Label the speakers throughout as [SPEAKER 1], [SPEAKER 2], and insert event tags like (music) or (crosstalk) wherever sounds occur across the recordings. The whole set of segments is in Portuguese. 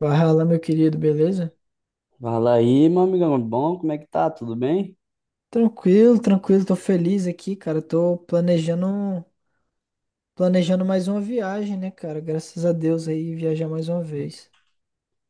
[SPEAKER 1] Fala, meu querido, beleza?
[SPEAKER 2] Fala aí, meu amigão, bom? Como é que tá? Tudo bem?
[SPEAKER 1] Tranquilo, tranquilo, tô feliz aqui, cara. Planejando mais uma viagem, né, cara? Graças a Deus aí, viajar mais uma vez.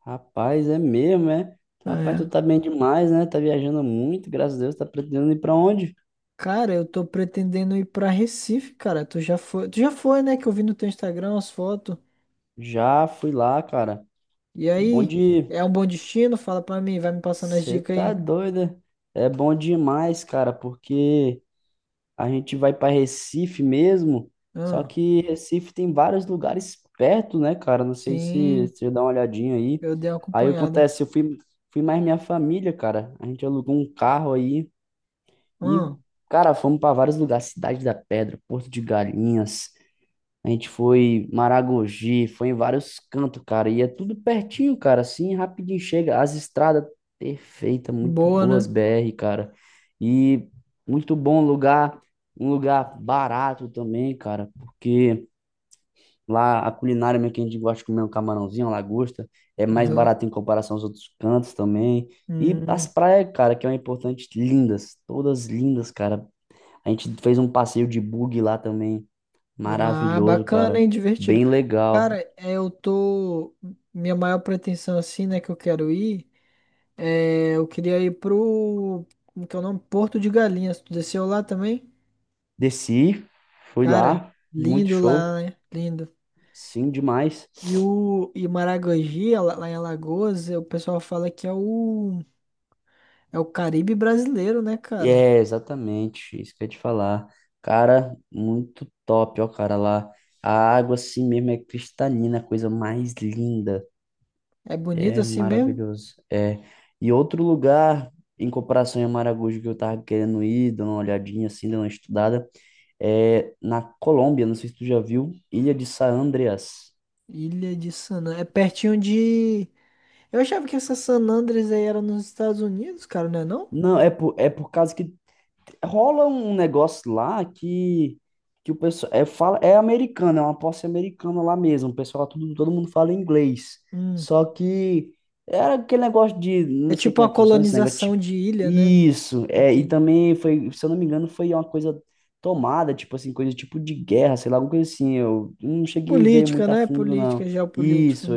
[SPEAKER 2] Rapaz, é mesmo, é? Rapaz,
[SPEAKER 1] É.
[SPEAKER 2] tu tá bem demais, né? Tá viajando muito, graças a Deus. Tá pretendendo ir pra onde?
[SPEAKER 1] Cara, eu tô pretendendo ir pra Recife, cara. Tu já foi, né? Que eu vi no teu Instagram as fotos.
[SPEAKER 2] Já fui lá, cara.
[SPEAKER 1] E
[SPEAKER 2] Bom
[SPEAKER 1] aí,
[SPEAKER 2] de...
[SPEAKER 1] é um bom destino? Fala pra mim, vai me passando as
[SPEAKER 2] Você
[SPEAKER 1] dicas
[SPEAKER 2] tá
[SPEAKER 1] aí.
[SPEAKER 2] doida? É. Bom demais, cara, porque a gente vai pra Recife mesmo, só
[SPEAKER 1] Ah,
[SPEAKER 2] que Recife tem vários lugares perto, né, cara? Não sei se
[SPEAKER 1] sim,
[SPEAKER 2] se você dá uma olhadinha aí.
[SPEAKER 1] eu dei uma
[SPEAKER 2] Aí
[SPEAKER 1] acompanhada.
[SPEAKER 2] acontece, eu fui mais minha família, cara. A gente alugou um carro aí. E,
[SPEAKER 1] Ah,
[SPEAKER 2] cara, fomos para vários lugares: Cidade da Pedra, Porto de Galinhas. A gente foi Maragogi, foi em vários cantos, cara, e é tudo pertinho, cara, assim, rapidinho chega. As estradas perfeitas, muito
[SPEAKER 1] boa,
[SPEAKER 2] boas,
[SPEAKER 1] né?
[SPEAKER 2] BR, cara, e muito bom lugar, um lugar barato também, cara, porque lá a culinária, mesmo que a gente gosta de comer um camarãozinho, uma lagosta, é mais
[SPEAKER 1] Aham.
[SPEAKER 2] barato em comparação aos outros cantos também. E as
[SPEAKER 1] Hum.
[SPEAKER 2] praias, cara, que é o importante, lindas, todas lindas, cara. A gente fez um passeio de bug lá também,
[SPEAKER 1] Ah,
[SPEAKER 2] maravilhoso,
[SPEAKER 1] bacana,
[SPEAKER 2] cara,
[SPEAKER 1] hein? Divertido.
[SPEAKER 2] bem
[SPEAKER 1] Cara,
[SPEAKER 2] legal.
[SPEAKER 1] é, eu tô. Minha maior pretensão, assim, né, que eu quero ir, é, eu queria ir pro. Como que é o nome? Porto de Galinhas. Tu desceu lá também?
[SPEAKER 2] Desci, fui
[SPEAKER 1] Cara,
[SPEAKER 2] lá, muito
[SPEAKER 1] lindo
[SPEAKER 2] show,
[SPEAKER 1] lá, né? Lindo.
[SPEAKER 2] sim, demais.
[SPEAKER 1] E o e Maragogi, lá em Alagoas, é, o pessoal fala que é o. É o Caribe brasileiro, né, cara?
[SPEAKER 2] É, exatamente, isso que eu ia te falar. Cara, muito top, ó, cara, lá. A água assim mesmo é cristalina, a coisa mais linda.
[SPEAKER 1] É bonito
[SPEAKER 2] É
[SPEAKER 1] assim mesmo?
[SPEAKER 2] maravilhoso. É. E outro lugar, em comparação a Maragogi, que eu tava querendo ir, dando uma olhadinha assim, dando uma estudada, é na Colômbia, não sei se tu já viu, Ilha de San Andreas.
[SPEAKER 1] Ilha de San Andrés. É pertinho de. Eu achava que essa San Andrés aí era nos Estados Unidos, cara, não é não?
[SPEAKER 2] Não, é por causa que rola um negócio lá que o pessoal é, fala, é americano, é uma posse americana lá mesmo. O pessoal, tudo, todo mundo fala inglês.
[SPEAKER 1] Hum.
[SPEAKER 2] Só que era aquele negócio de,
[SPEAKER 1] É
[SPEAKER 2] não sei
[SPEAKER 1] tipo
[SPEAKER 2] como é
[SPEAKER 1] uma
[SPEAKER 2] que funciona esse negócio,
[SPEAKER 1] colonização
[SPEAKER 2] tipo,
[SPEAKER 1] de ilha, né?
[SPEAKER 2] isso, é, e
[SPEAKER 1] Entendi.
[SPEAKER 2] também foi, se eu não me engano, foi uma coisa tomada, tipo assim, coisa tipo de guerra, sei lá, alguma coisa assim. Eu não cheguei a ver
[SPEAKER 1] Política,
[SPEAKER 2] muito a
[SPEAKER 1] né?
[SPEAKER 2] fundo,
[SPEAKER 1] Política,
[SPEAKER 2] não.
[SPEAKER 1] geopolítica.
[SPEAKER 2] Isso,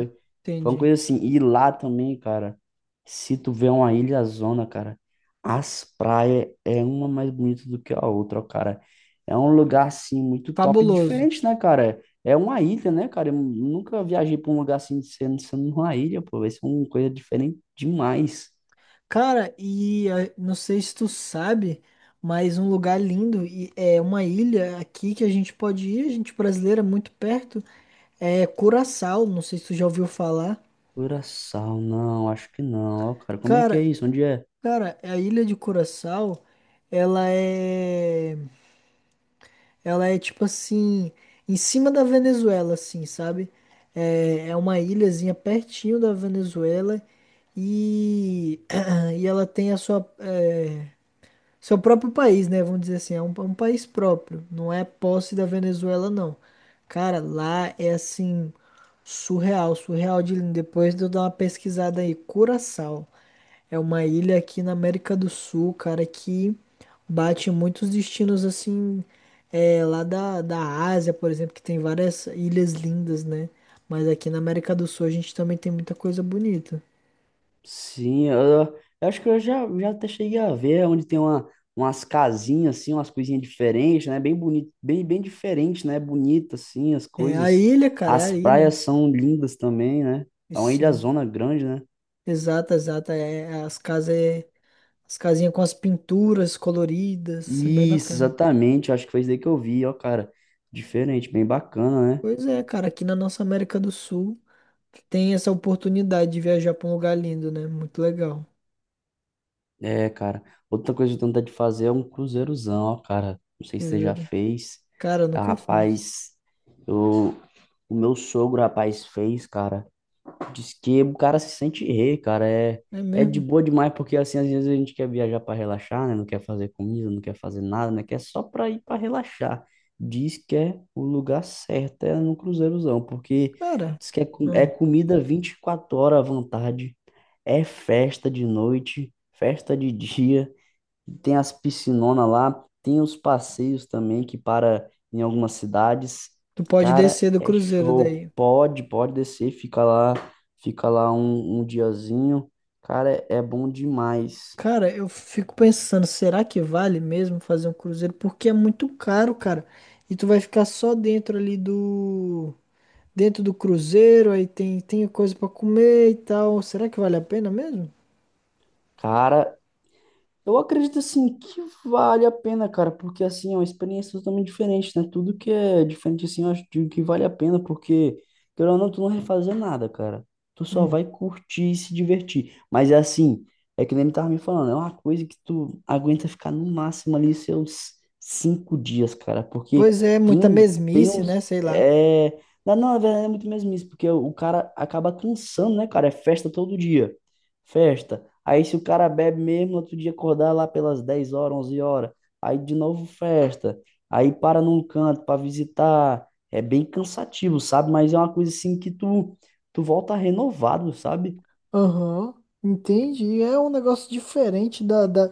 [SPEAKER 2] foi uma
[SPEAKER 1] Entendi.
[SPEAKER 2] coisa assim, e lá também, cara, se tu vê, uma ilha zona, cara, as praias é uma mais bonita do que a outra, ó, cara. É um lugar assim muito top e
[SPEAKER 1] Fabuloso.
[SPEAKER 2] diferente, né, cara? É uma ilha, né, cara? Eu nunca viajei pra um lugar assim de sendo uma ilha, pô. Vai ser uma coisa diferente demais.
[SPEAKER 1] Cara, e não sei se tu sabe, mas um lugar lindo e é uma ilha aqui que a gente pode ir, a gente brasileira, muito perto, é Curaçao. Não sei se tu já ouviu falar.
[SPEAKER 2] Curaçao, não, acho que não, ó, cara. Como é que é
[SPEAKER 1] Cara,
[SPEAKER 2] isso? Onde é?
[SPEAKER 1] cara, a ilha de Curaçao, ela é. Ela é tipo assim, em cima da Venezuela, assim, sabe? É, é uma ilhazinha pertinho da Venezuela e, (clears throat) e ela tem a sua, é, seu próprio país, né? Vamos dizer assim, é um país próprio, não é posse da Venezuela, não. Cara, lá é assim, surreal de lindo. Depois de eu dar uma pesquisada aí, Curaçao. É uma ilha aqui na América do Sul, cara, que bate em muitos destinos assim, é, lá da Ásia, por exemplo, que tem várias ilhas lindas, né? Mas aqui na América do Sul a gente também tem muita coisa bonita.
[SPEAKER 2] Sim, eu acho que eu já até cheguei a ver onde tem uma, umas casinhas, assim, umas coisinhas diferentes, né? Bem bonito, bem diferente, né? Bonita, assim, as
[SPEAKER 1] É a
[SPEAKER 2] coisas.
[SPEAKER 1] ilha, cara, é a
[SPEAKER 2] As praias
[SPEAKER 1] ilha.
[SPEAKER 2] são lindas também, né?
[SPEAKER 1] E
[SPEAKER 2] É uma ilha
[SPEAKER 1] sim,
[SPEAKER 2] zona grande, né?
[SPEAKER 1] exata. É, as casas, as casinhas com as pinturas coloridas, é bem
[SPEAKER 2] Isso,
[SPEAKER 1] bacana.
[SPEAKER 2] exatamente. Eu acho que foi isso daí que eu vi, ó, cara. Diferente, bem bacana, né?
[SPEAKER 1] Pois é, cara, aqui na nossa América do Sul tem essa oportunidade de viajar pra um lugar lindo, né? Muito legal.
[SPEAKER 2] É, cara. Outra coisa que eu tenho vontade de fazer é um cruzeirozão, ó, cara. Não sei se você já fez.
[SPEAKER 1] Cara, eu
[SPEAKER 2] Ah,
[SPEAKER 1] nunca fiz.
[SPEAKER 2] rapaz, eu, o meu sogro, rapaz, fez, cara. Diz que o cara se sente rei, cara. É,
[SPEAKER 1] É
[SPEAKER 2] é de
[SPEAKER 1] mesmo?
[SPEAKER 2] boa demais, porque assim, às vezes a gente quer viajar para relaxar, né? Não quer fazer comida, não quer fazer nada, né? Quer só pra ir para relaxar. Diz que é o lugar certo, é no Cruzeirozão, porque
[SPEAKER 1] Cara,
[SPEAKER 2] diz que é, é
[SPEAKER 1] hum,
[SPEAKER 2] comida 24 horas à vontade, é festa de noite, festa de dia. Tem as piscinonas lá, tem os passeios também que para em algumas cidades.
[SPEAKER 1] tu pode
[SPEAKER 2] Cara,
[SPEAKER 1] descer do
[SPEAKER 2] é
[SPEAKER 1] cruzeiro
[SPEAKER 2] show.
[SPEAKER 1] daí.
[SPEAKER 2] Pode, pode descer, fica lá um, um diazinho. Cara, é, é bom demais.
[SPEAKER 1] Cara, eu fico pensando, será que vale mesmo fazer um cruzeiro? Porque é muito caro, cara. E tu vai ficar só dentro ali do... Dentro do cruzeiro, aí tem coisa pra comer e tal. Será que vale a pena mesmo?
[SPEAKER 2] Cara, eu acredito assim que vale a pena, cara, porque assim é uma experiência totalmente diferente, né? Tudo que é diferente assim, eu acho, digo que vale a pena, porque querendo ou não, tu não vai fazer nada, cara. Tu só
[SPEAKER 1] Hum.
[SPEAKER 2] vai curtir e se divertir. Mas é assim, é que nem ele tava me falando, é uma coisa que tu aguenta ficar no máximo ali seus 5 dias, cara, porque
[SPEAKER 1] Pois é,
[SPEAKER 2] tem
[SPEAKER 1] muita
[SPEAKER 2] um, tem
[SPEAKER 1] mesmice,
[SPEAKER 2] uns,
[SPEAKER 1] né? Sei lá.
[SPEAKER 2] é, não, não, na verdade é muito mesmo isso, porque o cara acaba cansando, né, cara? É festa todo dia. Festa. Aí se o cara bebe mesmo, outro dia acordar lá pelas 10 horas, 11 horas. Aí de novo festa. Aí para num canto para visitar. É bem cansativo, sabe? Mas é uma coisa assim que tu volta renovado, sabe?
[SPEAKER 1] Aham, entendi. É um negócio diferente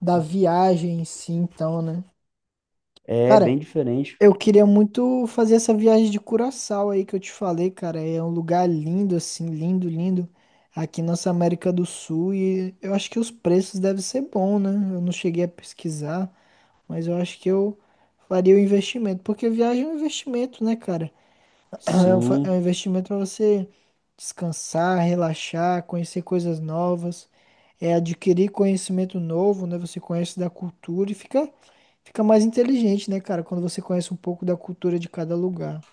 [SPEAKER 1] da viagem em si, então, né?
[SPEAKER 2] É
[SPEAKER 1] Cara,
[SPEAKER 2] bem diferente.
[SPEAKER 1] eu queria muito fazer essa viagem de Curaçao aí que eu te falei, cara. É um lugar lindo, assim, lindo. Aqui nossa América do Sul. E eu acho que os preços devem ser bons, né? Eu não cheguei a pesquisar, mas eu acho que eu faria o investimento. Porque viagem é um investimento, né, cara? É é um
[SPEAKER 2] Sim.
[SPEAKER 1] investimento para você descansar, relaxar, conhecer coisas novas, é adquirir conhecimento novo, né? Você conhece da cultura e fica mais inteligente, né, cara? Quando você conhece um pouco da cultura de cada lugar.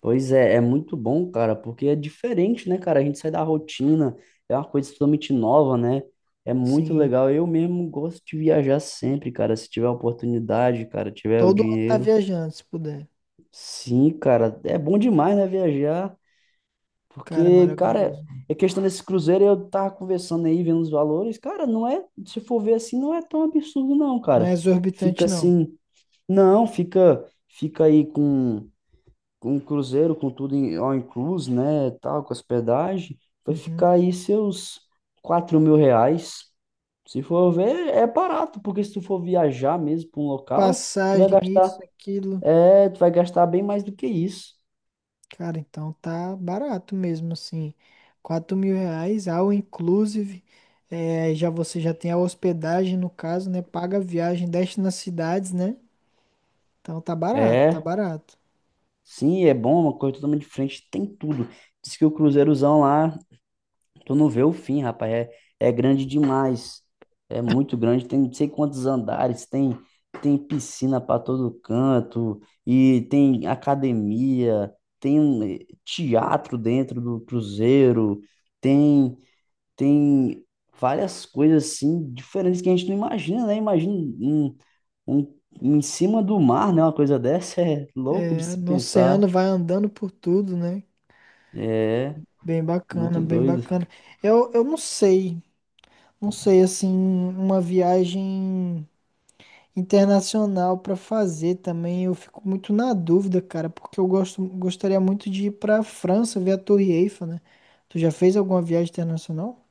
[SPEAKER 2] Pois é, é muito bom, cara, porque é diferente, né, cara? A gente sai da rotina, é uma coisa totalmente nova, né? É muito
[SPEAKER 1] Sim,
[SPEAKER 2] legal. Eu mesmo gosto de viajar sempre, cara, se tiver a oportunidade, cara, tiver o
[SPEAKER 1] todo ano tá
[SPEAKER 2] dinheiro.
[SPEAKER 1] viajando, se puder.
[SPEAKER 2] Sim, cara, é bom demais, né, viajar,
[SPEAKER 1] Cara,
[SPEAKER 2] porque, cara,
[SPEAKER 1] maravilhoso.
[SPEAKER 2] é questão desse cruzeiro, eu tava conversando aí, vendo os valores, cara. Não é, se for ver assim, não é tão absurdo não,
[SPEAKER 1] Não é
[SPEAKER 2] cara, fica
[SPEAKER 1] exorbitante, não.
[SPEAKER 2] assim, não, fica aí com, o cruzeiro, com tudo em, all inclusive, né, tal, com hospedagem, vai
[SPEAKER 1] Uhum.
[SPEAKER 2] ficar aí seus R$ 4.000. Se for ver, é barato, porque se tu for viajar mesmo para um local, tu vai
[SPEAKER 1] Passagem,
[SPEAKER 2] gastar,
[SPEAKER 1] isso, aquilo.
[SPEAKER 2] é, tu vai gastar bem mais do que isso.
[SPEAKER 1] Cara, então tá barato mesmo, assim. R$ 4.000, all inclusive. É, já você já tem a hospedagem, no caso, né? Paga a viagem, desce nas cidades, né? Então tá barato, tá
[SPEAKER 2] É,
[SPEAKER 1] barato.
[SPEAKER 2] sim, é bom, uma coisa totalmente diferente, tem tudo. Diz que o Cruzeirozão lá, tu não vê o fim, rapaz, é, é grande demais. É muito grande, tem não sei quantos andares, tem piscina para todo canto e tem academia, tem um, teatro dentro do Cruzeiro, tem tem várias coisas assim diferentes que a gente não imagina, né? Imagina um, um, um, em cima do mar, né? Uma coisa dessa (laughs) é louco de
[SPEAKER 1] É,
[SPEAKER 2] se
[SPEAKER 1] no
[SPEAKER 2] pensar.
[SPEAKER 1] oceano vai andando por tudo, né?
[SPEAKER 2] É,
[SPEAKER 1] Bem bacana,
[SPEAKER 2] muito
[SPEAKER 1] bem
[SPEAKER 2] doido. (laughs)
[SPEAKER 1] bacana. Eu não sei, não sei, assim, uma viagem internacional pra fazer também. Eu fico muito na dúvida, cara, porque gostaria muito de ir pra França ver a Torre Eiffel, né? Tu já fez alguma viagem internacional?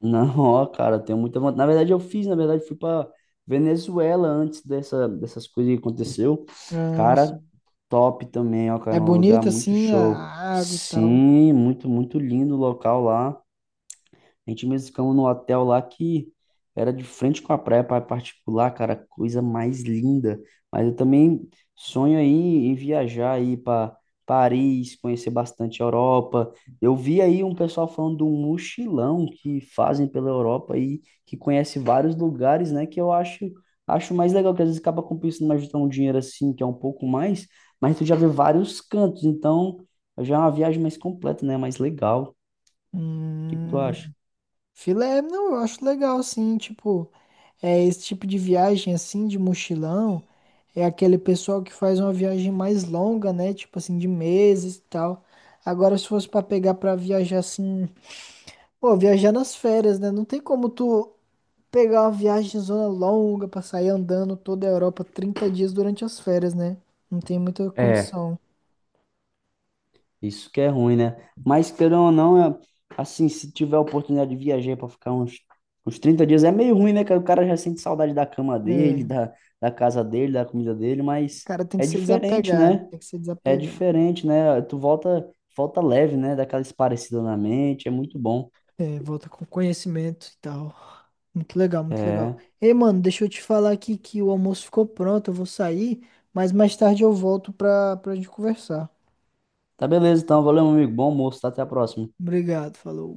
[SPEAKER 2] Não, ó, cara, eu tenho muita vontade. Na verdade, eu fiz, na verdade, fui pra Venezuela antes dessas coisas que aconteceu.
[SPEAKER 1] Ah,
[SPEAKER 2] Cara,
[SPEAKER 1] sim.
[SPEAKER 2] top também, ó,
[SPEAKER 1] É
[SPEAKER 2] cara, um lugar
[SPEAKER 1] bonito
[SPEAKER 2] muito
[SPEAKER 1] assim
[SPEAKER 2] show.
[SPEAKER 1] a água e tal.
[SPEAKER 2] Sim, muito, muito lindo o local lá. A gente mesmo ficamos num hotel lá que era de frente com a praia, praia particular, cara, coisa mais linda. Mas eu também sonho aí em viajar aí para Paris, conhecer bastante a Europa. Eu vi aí um pessoal falando de um mochilão que fazem pela Europa aí, que conhece vários lugares, né, que eu acho mais legal, que às vezes acaba compensando mais juntar um dinheiro assim, que é um pouco mais, mas tu já vê vários cantos, então já é uma viagem mais completa, né, mais legal. O que que tu
[SPEAKER 1] Hum,
[SPEAKER 2] acha?
[SPEAKER 1] filé, não, eu acho legal assim, tipo, é esse tipo de viagem assim de mochilão, é aquele pessoal que faz uma viagem mais longa, né? Tipo assim de meses e tal. Agora se fosse pra pegar pra viajar assim, pô, viajar nas férias, né? Não tem como tu pegar uma viagem zona longa pra sair andando toda a Europa 30 dias durante as férias, né? Não tem muita condição.
[SPEAKER 2] Isso que é ruim, né? Mas querendo ou não, assim, se tiver a oportunidade de viajar para ficar uns, 30 dias, é meio ruim, né? Que o cara já sente saudade da cama
[SPEAKER 1] É.
[SPEAKER 2] dele,
[SPEAKER 1] O
[SPEAKER 2] da, casa dele, da comida dele, mas
[SPEAKER 1] cara tem que
[SPEAKER 2] é
[SPEAKER 1] ser
[SPEAKER 2] diferente,
[SPEAKER 1] desapegado,
[SPEAKER 2] né?
[SPEAKER 1] tem que ser
[SPEAKER 2] É
[SPEAKER 1] desapegado.
[SPEAKER 2] diferente, né? Tu volta leve, né? Daquela esparecida na mente, é muito bom.
[SPEAKER 1] É, volta com conhecimento e tal. Muito legal, muito legal.
[SPEAKER 2] É.
[SPEAKER 1] Ei, mano, deixa eu te falar aqui que o almoço ficou pronto, eu vou sair, mas mais tarde eu volto pra gente conversar.
[SPEAKER 2] Tá beleza, então. Valeu, meu amigo. Bom almoço, tá? Até a próxima.
[SPEAKER 1] Obrigado, falou.